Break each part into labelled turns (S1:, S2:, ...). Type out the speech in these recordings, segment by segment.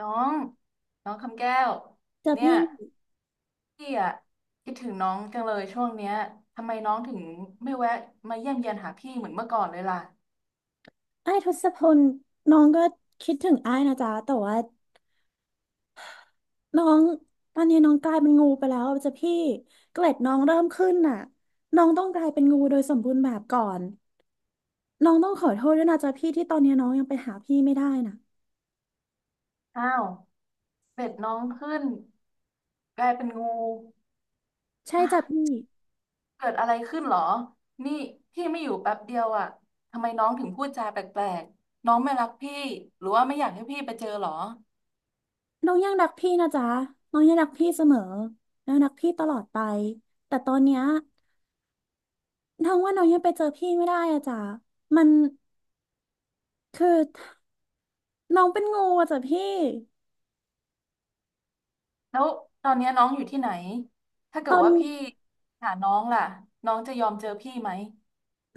S1: น้องน้องคำแก้ว
S2: เจอ
S1: เนี่ย
S2: พี่
S1: พี่อะคิดถึงน้องจังเลยช่วงเนี้ยทำไมน้องถึงไม่แวะมาเยี่ยมเยียนหาพี่เหมือนเมื่อก่อนเลยล่ะ
S2: อ้ายทศพลน้องก็คิดถึงอ้ายนะจ๊ะแต่ว่าน้องตอนนี้น้องกลายเป็นงูไปแล้วเจอพี่เกล็ดน้องเริ่มขึ้นน่ะน้องต้องกลายเป็นงูโดยสมบูรณ์แบบก่อนน้องต้องขอโทษด้วยนะจ๊ะพี่ที่ตอนนี้น้องยังไปหาพี่ไม่ได้น่ะ
S1: อ้าวเบ็ดน้องขึ้นกลายเป็นงู
S2: ใช่
S1: อ่ะ
S2: จ้ะพี่
S1: เกิดอะไรขึ้นเหรอนี่พี่ไม่อยู่แป๊บเดียวอะทำไมน้องถึงพูดจาแปลกๆน้องไม่รักพี่หรือว่าไม่อยากให้พี่ไปเจอเหรอ
S2: น้องยังรักพี่นะจ๊ะน้องยังรักพี่เสมอน้องรักพี่ตลอดไปแต่ตอนเนี้ยน้องว่าน้องยังไปเจอพี่ไม่ได้อะจ๊ะมันคือน้องเป็นงูอะจ๊ะพี่
S1: แล้วตอนเนี้ยน้องอยู่ที่ไหนถ้าเกิ
S2: ตอ
S1: ด
S2: น
S1: ว่า
S2: นี้
S1: พี่หาน้องล่ะ น้องจะยอมเจอพี่ไหม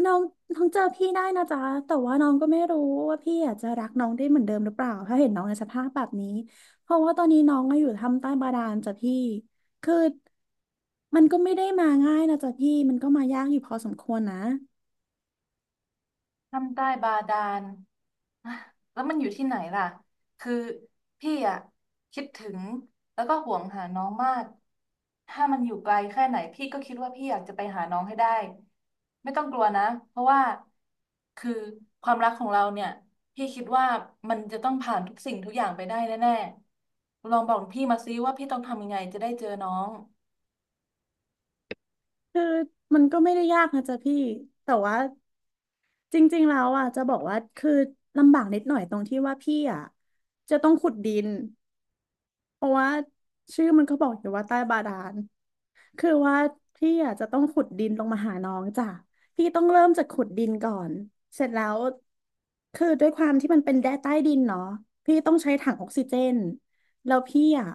S2: น้องน้องเจอพี่ได้นะจ๊ะแต่ว่าน้องก็ไม่รู้ว่าพี่อาจจะรักน้องได้เหมือนเดิมหรือเปล่าถ้าเห็นน้องในสภาพแบบนี้เพราะว่าตอนนี้น้องก็อยู่ทำใต้บาดาลจ้ะพี่คือมันก็ไม่ได้มาง่ายนะจ๊ะพี่มันก็มายากอยู่พอสมควรนะ
S1: ถ้ำใต้บาดาล อ่ะแล้วมันอยู่ที่ไหนล่ะคือพี่อ่ะคิดถึงแล้วก็ห่วงหาน้องมาก ถ้ามันอยู่ไกลแค่ไหนพี่ก็คิดว่าพี่อยากจะไปหาน้องให้ได้ ไม่ต้องกลัวนะ เพราะว่าคือความรักของเราเนี่ยพี่คิดว่ามันจะต้องผ่านทุกสิ่งทุกอย่างไปได้แน่ๆลองบอกพี่มาซิว่าพี่ต้องทำยังไงจะได้เจอน้อง
S2: คือมันก็ไม่ได้ยากนะจ๊ะพี่แต่ว่าจริงๆแล้วอ่ะจะบอกว่าคือลำบากนิดหน่อยตรงที่ว่าพี่อ่ะจะต้องขุดดิน เพราะว่าชื่อมันก็บอกอยู่ว่าใต้บาดาลคือว่าพี่อาจจะต้องขุดดินลงมาหาน้องจ้ะพี่ต้องเริ่มจากขุดดินก่อนเสร็จแล้วคือด้วยความที่มันเป็นแดนใต้ดินเนาะพี่ต้องใช้ถังออกซิเจนแล้วพี่อ่ะ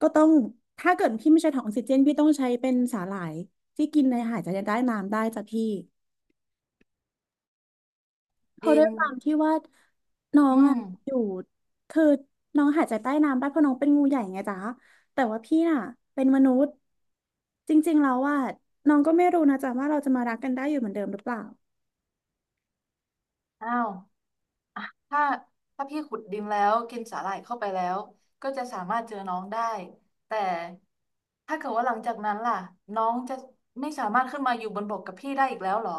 S2: ก็ต้องถ้าเกิดพี่ไม่ใช้ถังออกซิเจนพี่ต้องใช้เป็นสาหร่ายที่กินในอาหารจะได้น้ำได้จ้ะพี่ เพราะ
S1: ดิ
S2: ด้ว
S1: น
S2: ยความที่ว่าน้อ
S1: อื
S2: งอ่ะ
S1: ม
S2: อยู่คือน้องหายใจใต้น้ำได้เพราะน้องเป็นงูใหญ่ไงจ๊ะแต่ว่าพี่น่ะเป็นมนุษย์จริงๆแล้วว่าน้องก็ไม่รู้นะจ๊ะว่าเราจะมารักกันได้อยู่เหมือนเดิมหรือเปล่า
S1: อ้าว ถ้าถ้าพี่ขุดดินแล้วกินสาหร่ายเข้าไปแล้วก็จะสามารถเจอน้องได้แต่ถ้าเกิดว่าหลังจากนั้นล่ะน้องจะไม่สามารถขึ้นมาอยู่บนบกกับพี่ได้อีกแล้วเหรอ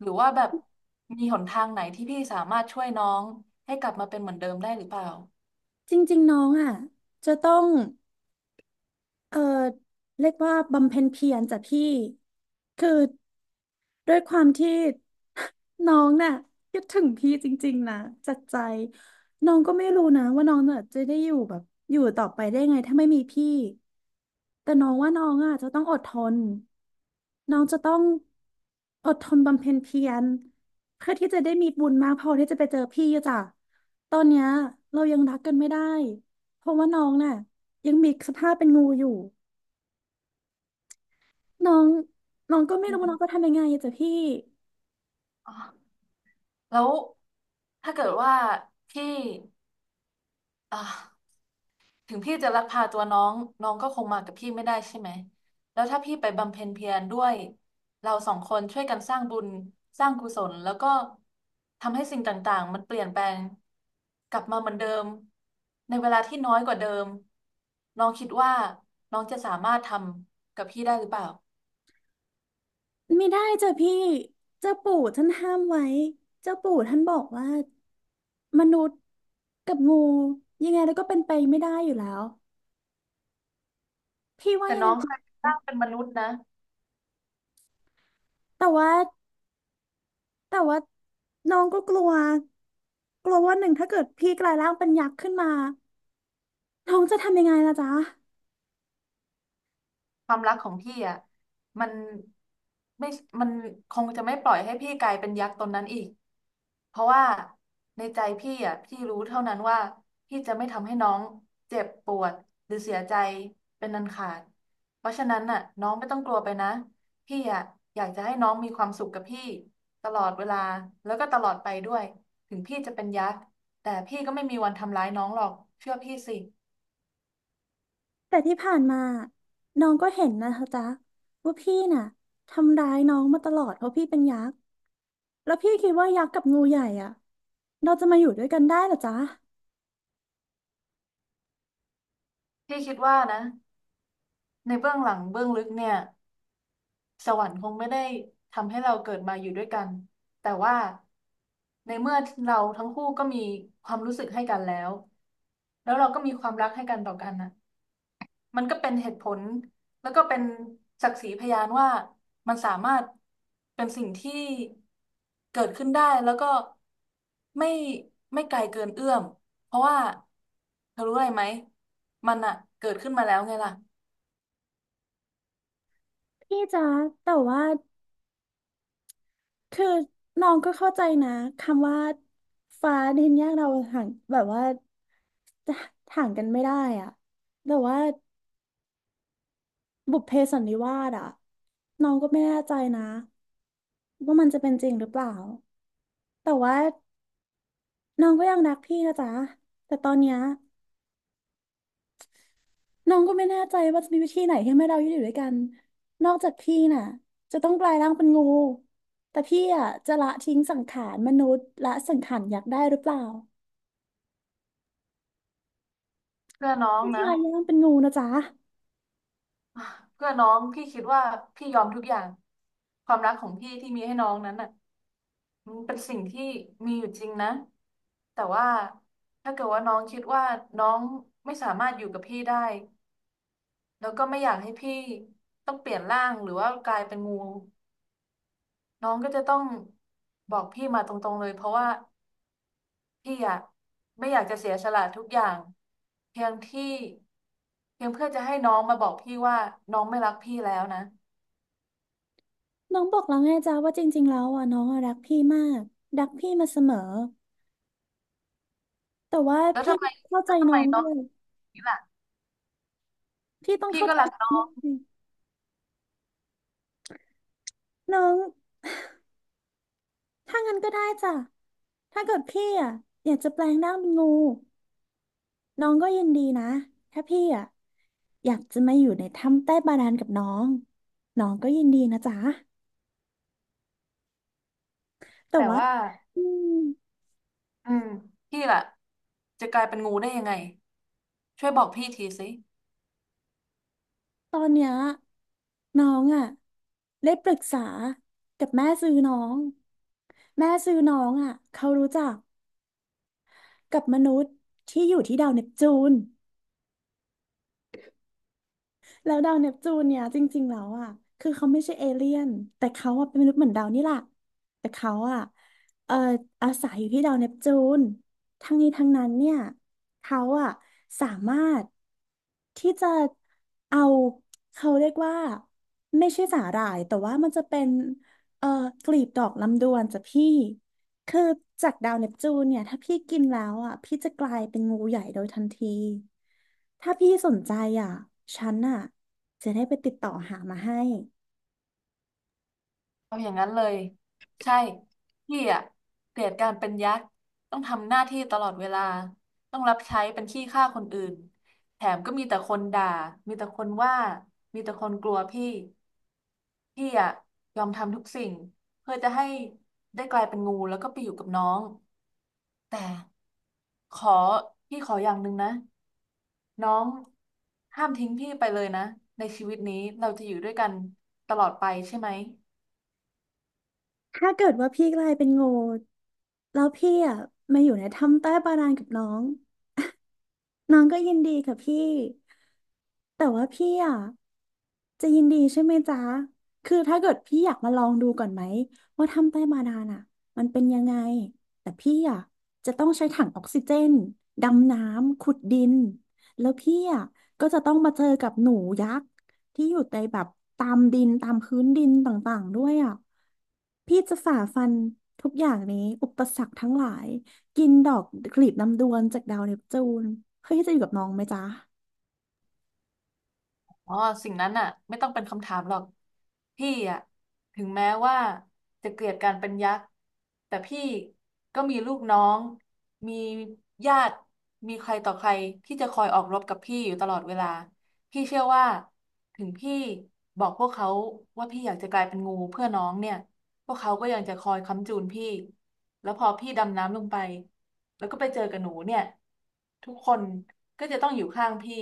S1: หรือว่าแบบมีหนทางไหนที่พี่สามารถช่วยน้องให้กลับมาเป็นเหมือนเดิมได้หรือเปล่า
S2: จริงๆน้องอ่ะจะต้องเออเรียกว่าบำเพ็ญเพียรจ้ะพี่คือด้วยความที่น้องน่ะคิดถึงพี่จริงๆนะจัดใจน้องก็ไม่รู้นะว่าน้องน่ะจะได้อยู่แบบอยู่ต่อไปได้ไงถ้าไม่มีพี่ แต่น้องว่าน้องอ่ะจะต้องอดทนน้องจะต้องอดทนบำเพ็ญเพียรเพื่อที่จะได้มีบุญมากพอที่จะไปเจอพี่อะจ้ะตอนเนี้ยเรายังรักกันไม่ได้เพราะว่าน้องน่ะยังมีสภาพเป็นงูอยู่น้องน้องก็ไม่รู้ว่าน้องจะทำยังไงอะจ้ะพี่
S1: อ๋อแล้วถ้าเกิดว่าพี่อ่า ถึงพี่จะลักพาตัวน้องน้องก็คงมากับพี่ไม่ได้ใช่ไหมแล้วถ้าพี่ไปบำเพ็ญเพียรด้วยเราสองคนช่วยกันสร้างบุญสร้างกุศลแล้วก็ทำให้สิ่งต่างๆมันเปลี่ยนแปลงกลับมาเหมือนเดิมในเวลาที่น้อยกว่าเดิมน้องคิดว่าน้องจะสามารถทำกับพี่ได้หรือเปล่า
S2: ไม่ได้จ้ะพี่เจ้าปู่ท่านห้ามไว้เจ้าปู่ท่านบอกว่ามนุษย์กับงูยังไงแล้วก็เป็นไปไม่ได้อยู่แล้วพี่ว่า
S1: แต่
S2: ยัง
S1: น้
S2: ไง
S1: องเคยสร้างเป็นมนุษย์นะ
S2: แต่ว่า แต่ว่าน้องก็กลัวกลัวว่าหนึ่งถ้าเกิดพี่กลายร่างเป็นยักษ์ขึ้นมาน้องจะทำยังไงล่ะจ๊ะ
S1: ความรักของพี่อ่ะมันไม่มันคงจะไม่ปล่อยให้พี่กลายเป็นยักษ์ตนนั้นอีกเพราะว่าในใจพี่อ่ะพี่รู้เท่านั้นว่าพี่จะไม่ทำให้น้องเจ็บปวดหรือเสียใจเป็นอันขาดเพราะฉะนั้นน่ะน้องไม่ต้องกลัวไปนะพี่อ่ะอยากจะให้น้องมีความสุขกับพี่ตลอดเวลาแล้วก็ตลอดไปด้วยถึงพี่จะเป็นยักษ์แต่พี่ก็ไม่มีวันทำร้ายน้องหรอกเชื่อพี่สิ
S2: แต่ที่ผ่านมาน้องก็เห็นนะคะจ๊ะว่าพี่น่ะทำร้ายน้องมาตลอดเพราะพี่เป็นยักษ์แล้วพี่คิดว่ายักษ์กับงูใหญ่อ่ะเราจะมาอยู่ด้วยกันได้เหรอจ๊ะ
S1: พี่คิดว่านะในเบื้องหลังเบื้องลึกเนี่ย สวรรค์คงไม่ได้ทำให้เราเกิดมาอยู่ด้วยกัน แต่ว่าในเมื่อเราทั้งคู่ก็มีความรู้สึกให้กันแล้วแล้วเราก็มีความรักให้กันต่อกันนะมันก็เป็นเหตุผลแล้วก็เป็นศักดิ์ศรีพยานว่ามันสามารถเป็นสิ่งที่เกิดขึ้นได้แล้วก็ไม่ไม่ไกลเกินเอื้อมเพราะว่าเธอรู้อะไรไหมมันอะเกิดขึ้นมาแล้วไงล่ะ
S2: พี่จ๊ะแต่ว่าคือน้องก็เข้าใจนะคำว่าฟ้าดินแยกเราห่างแบบว่าจะห่างกันไม่ได้อ่ะแต่ว่า บุพเพสันนิวาสอะน้องก็ไม่แน่ใจนะว่ามันจะเป็นจริงหรือเปล่าแต่ว่าน้องก็ยังรักพี่นะจ๊ะแต่ตอนเนี้ยน้องก็ไม่แน่ใจว่าจะมีวิธีไหนที่ให้เราอยู่ด้วยกันนอกจากพี่น่ะจะต้องกลายร่างเป็นงูแต่พี่อะจะละทิ้งสังขารมนุษย์ละสังขารอยากได้หรือเปล่า
S1: เพื่อน้อง
S2: พี่ก
S1: นะ
S2: ลายร่างเป็นงูนะจ๊ะ
S1: อ่ะเพื่อน้องพี่คิดว่าพี่ยอมทุกอย่างความรักของพี่ที่มีให้น้องนั้นน่ะมันเป็นสิ่งที่มีอยู่จริงนะแต่ว่าถ้าเกิดว่าน้องคิดว่าน้องไม่สามารถอยู่กับพี่ได้แล้วก็ไม่อยากให้พี่ต้องเปลี่ยนร่างหรือว่ากลายเป็นงูน้องก็จะต้องบอกพี่มาตรงๆเลยเพราะว่าพี่อะไม่อยากจะเสียสละทุกอย่างเพียงที่เพียงเพื่อจะให้น้องมาบอกพี่ว่าน้องไม่รักพี่แล้วนะ
S2: น้องบอกแล้วไงจ๊ะว่าจริงๆแล้วอะน้องอะรักพี่มากรักพี่มาเสมอแต่ว่า
S1: แล้ว
S2: พี่
S1: ทำไม
S2: เข้า
S1: แล้
S2: ใจ
S1: วทำ
S2: น้
S1: ไม
S2: อง
S1: น้
S2: ด้
S1: อง
S2: วย
S1: นี่แหละ
S2: พี่ต้อง
S1: พี่
S2: เข้า
S1: ก็
S2: ใจ
S1: รักน้อ
S2: น้อง
S1: ง
S2: ด้วย น้องถ้างั้นก็ได้จ้ะ ถ้าเกิดพี่อ่ะอยากจะแปลงร่างเป็นงูน้องก็ยินดีนะ ถ้าพี่อ่ะอยากจะมาอยู่ในถ้ำใต้บาดาลกับน้องน้องก็ยินดีนะจ๊ะแต่
S1: แต่
S2: ว่า
S1: ว่า
S2: อืม
S1: อืมพี่ล่ะจะกลายเป็นงูได้ยังไงช่วยบอกพี่ทีสิ
S2: ตอนเนี้ยน้องอ่ะได้ปรึกษากับแม่ซื้อน้องแม่ซื้อน้องอ่ะเขารู้จักกับมนุษย์ที่อยู่ที่ดาวเนปจูน แล้วดาวเนปจูนเนี่ยจริงๆแล้วอ่ะคือเขาไม่ใช่เอเลี่ยนแต่เขาอ่ะเป็นมนุษย์เหมือนดาวนี่แหละแต่เขาอ่ะเอ่ออาศัยอยู่ที่ดาวเนปจูนทั้งนี้ทั้งนั้นเนี่ยเขาอ่ะสามารถที่จะเอาเขาเรียกว่าไม่ใช่สาหร่ายแต่ว่ามันจะเป็นเอ่อกลีบดอกลำดวนจ้ะพี่ คือจากดาวเนปจูนเนี่ยถ้าพี่กินแล้วอ่ะพี่จะกลายเป็นงูใหญ่โดยทันทีถ้าพี่สนใจอ่ะฉันอ่ะจะได้ไปติดต่อหามาให้
S1: เอาอย่างนั้นเลยใช่พี่อะเกลียดการเป็นยักษ์ต้องทำหน้าที่ตลอดเวลาต้องรับใช้เป็นขี้ข้าคนอื่นแถมก็มีแต่คนด่ามีแต่คนว่ามีแต่คนกลัวพี่พี่อะยอมทำทุกสิ่งเพื่อจะให้ได้กลายเป็นงูแล้วก็ไปอยู่กับน้อง แต่ขอพี่ขออย่างหนึ่งนะน้องห้ามทิ้งพี่ไปเลยนะในชีวิตนี้เราจะอยู่ด้วยกันตลอดไปใช่ไหม
S2: ถ้าเกิดว่าพี่กลายเป็นงูแล้วพี่อ่ะมาอยู่ในถ้ำใต้บาดาลกับน้อง น้องก็ยินดีค่ะพี่ แต่ว่าพี่อ่ะจะยินดีใช่ไหมจ๊ะ คือถ้าเกิดพี่อยากมาลองดูก่อนไหมว่าทำใต้บาดาลอ่ะมันเป็นยังไง แต่พี่อ่ะจะต้องใช้ถังออกซิเจนดำน้ำขุดดินแล้วพี่อ่ะก็จะต้องมาเจอกับหนูยักษ์ที่อยู่ในแบบตามดินตามพื้นดินต่างๆด้วยอ่ะพี่จะฝ่าฟันทุกอย่างนี้อุปสรรคทั้งหลาย กินดอกกลีบลำดวนจากดาวเนปจูนเพ้อี่จะอยู่กับน้องไหมจ๊ะ
S1: อ๋อสิ่งนั้นน่ะไม่ต้องเป็นคำถามหรอกพี่อะถึงแม้ว่าจะเกลียดการเป็นยักษ์แต่พี่ก็มีลูกน้องมีญาติมีใครต่อใครที่จะคอยออกรบกับพี่อยู่ตลอดเวลาพี่เชื่อว่าถึงพี่บอกพวกเขาว่าพี่อยากจะกลายเป็นงูเพื่อน้องเนี่ยพวกเขาก็ยังจะคอยค้ำจูนพี่ แล้วพอพี่ดำน้ำลงไปแล้วก็ไปเจอกับหนูเนี่ยทุกคนก็จะต้องอยู่ข้างพี่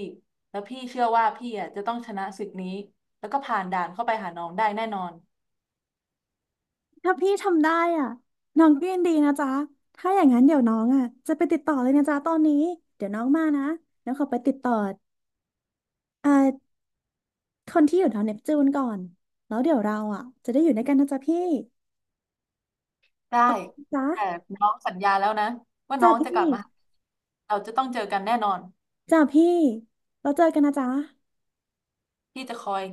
S1: แล้วพี่เชื่อว่าพี่อ่ะจะต้องชนะศึกนี้แล้วก็ผ่านด่านเข้าไปหาน้องได้แน่นอน
S2: ถ้าพี่ทำได้อ่ะน้องก็ยินดีนะจ๊ะถ้าอย่างนั้นเดี๋ยวน้องอ่ะจะไปติดต่อเลยนะจ๊ะตอนนี้ เดี๋ยวน้องมานะแล้วขอไปติดต่อเอ่อคนที่อยู่ดาวเนปจูนก่อนแล้วเดี๋ยวเราอ่ะจะได้อยู่ด้วยกันนะจ๊ะพี่
S1: ได้
S2: จ๊ะ
S1: แต่น้องสัญญาแล้วนะว่าน้
S2: จ้ะ
S1: องจะก
S2: พี่
S1: ลับมาหาเราจะต้องเจอกันแน่นอน
S2: จ้ะพี่เราเจอกันนะจ๊ะ
S1: พี่จะคอย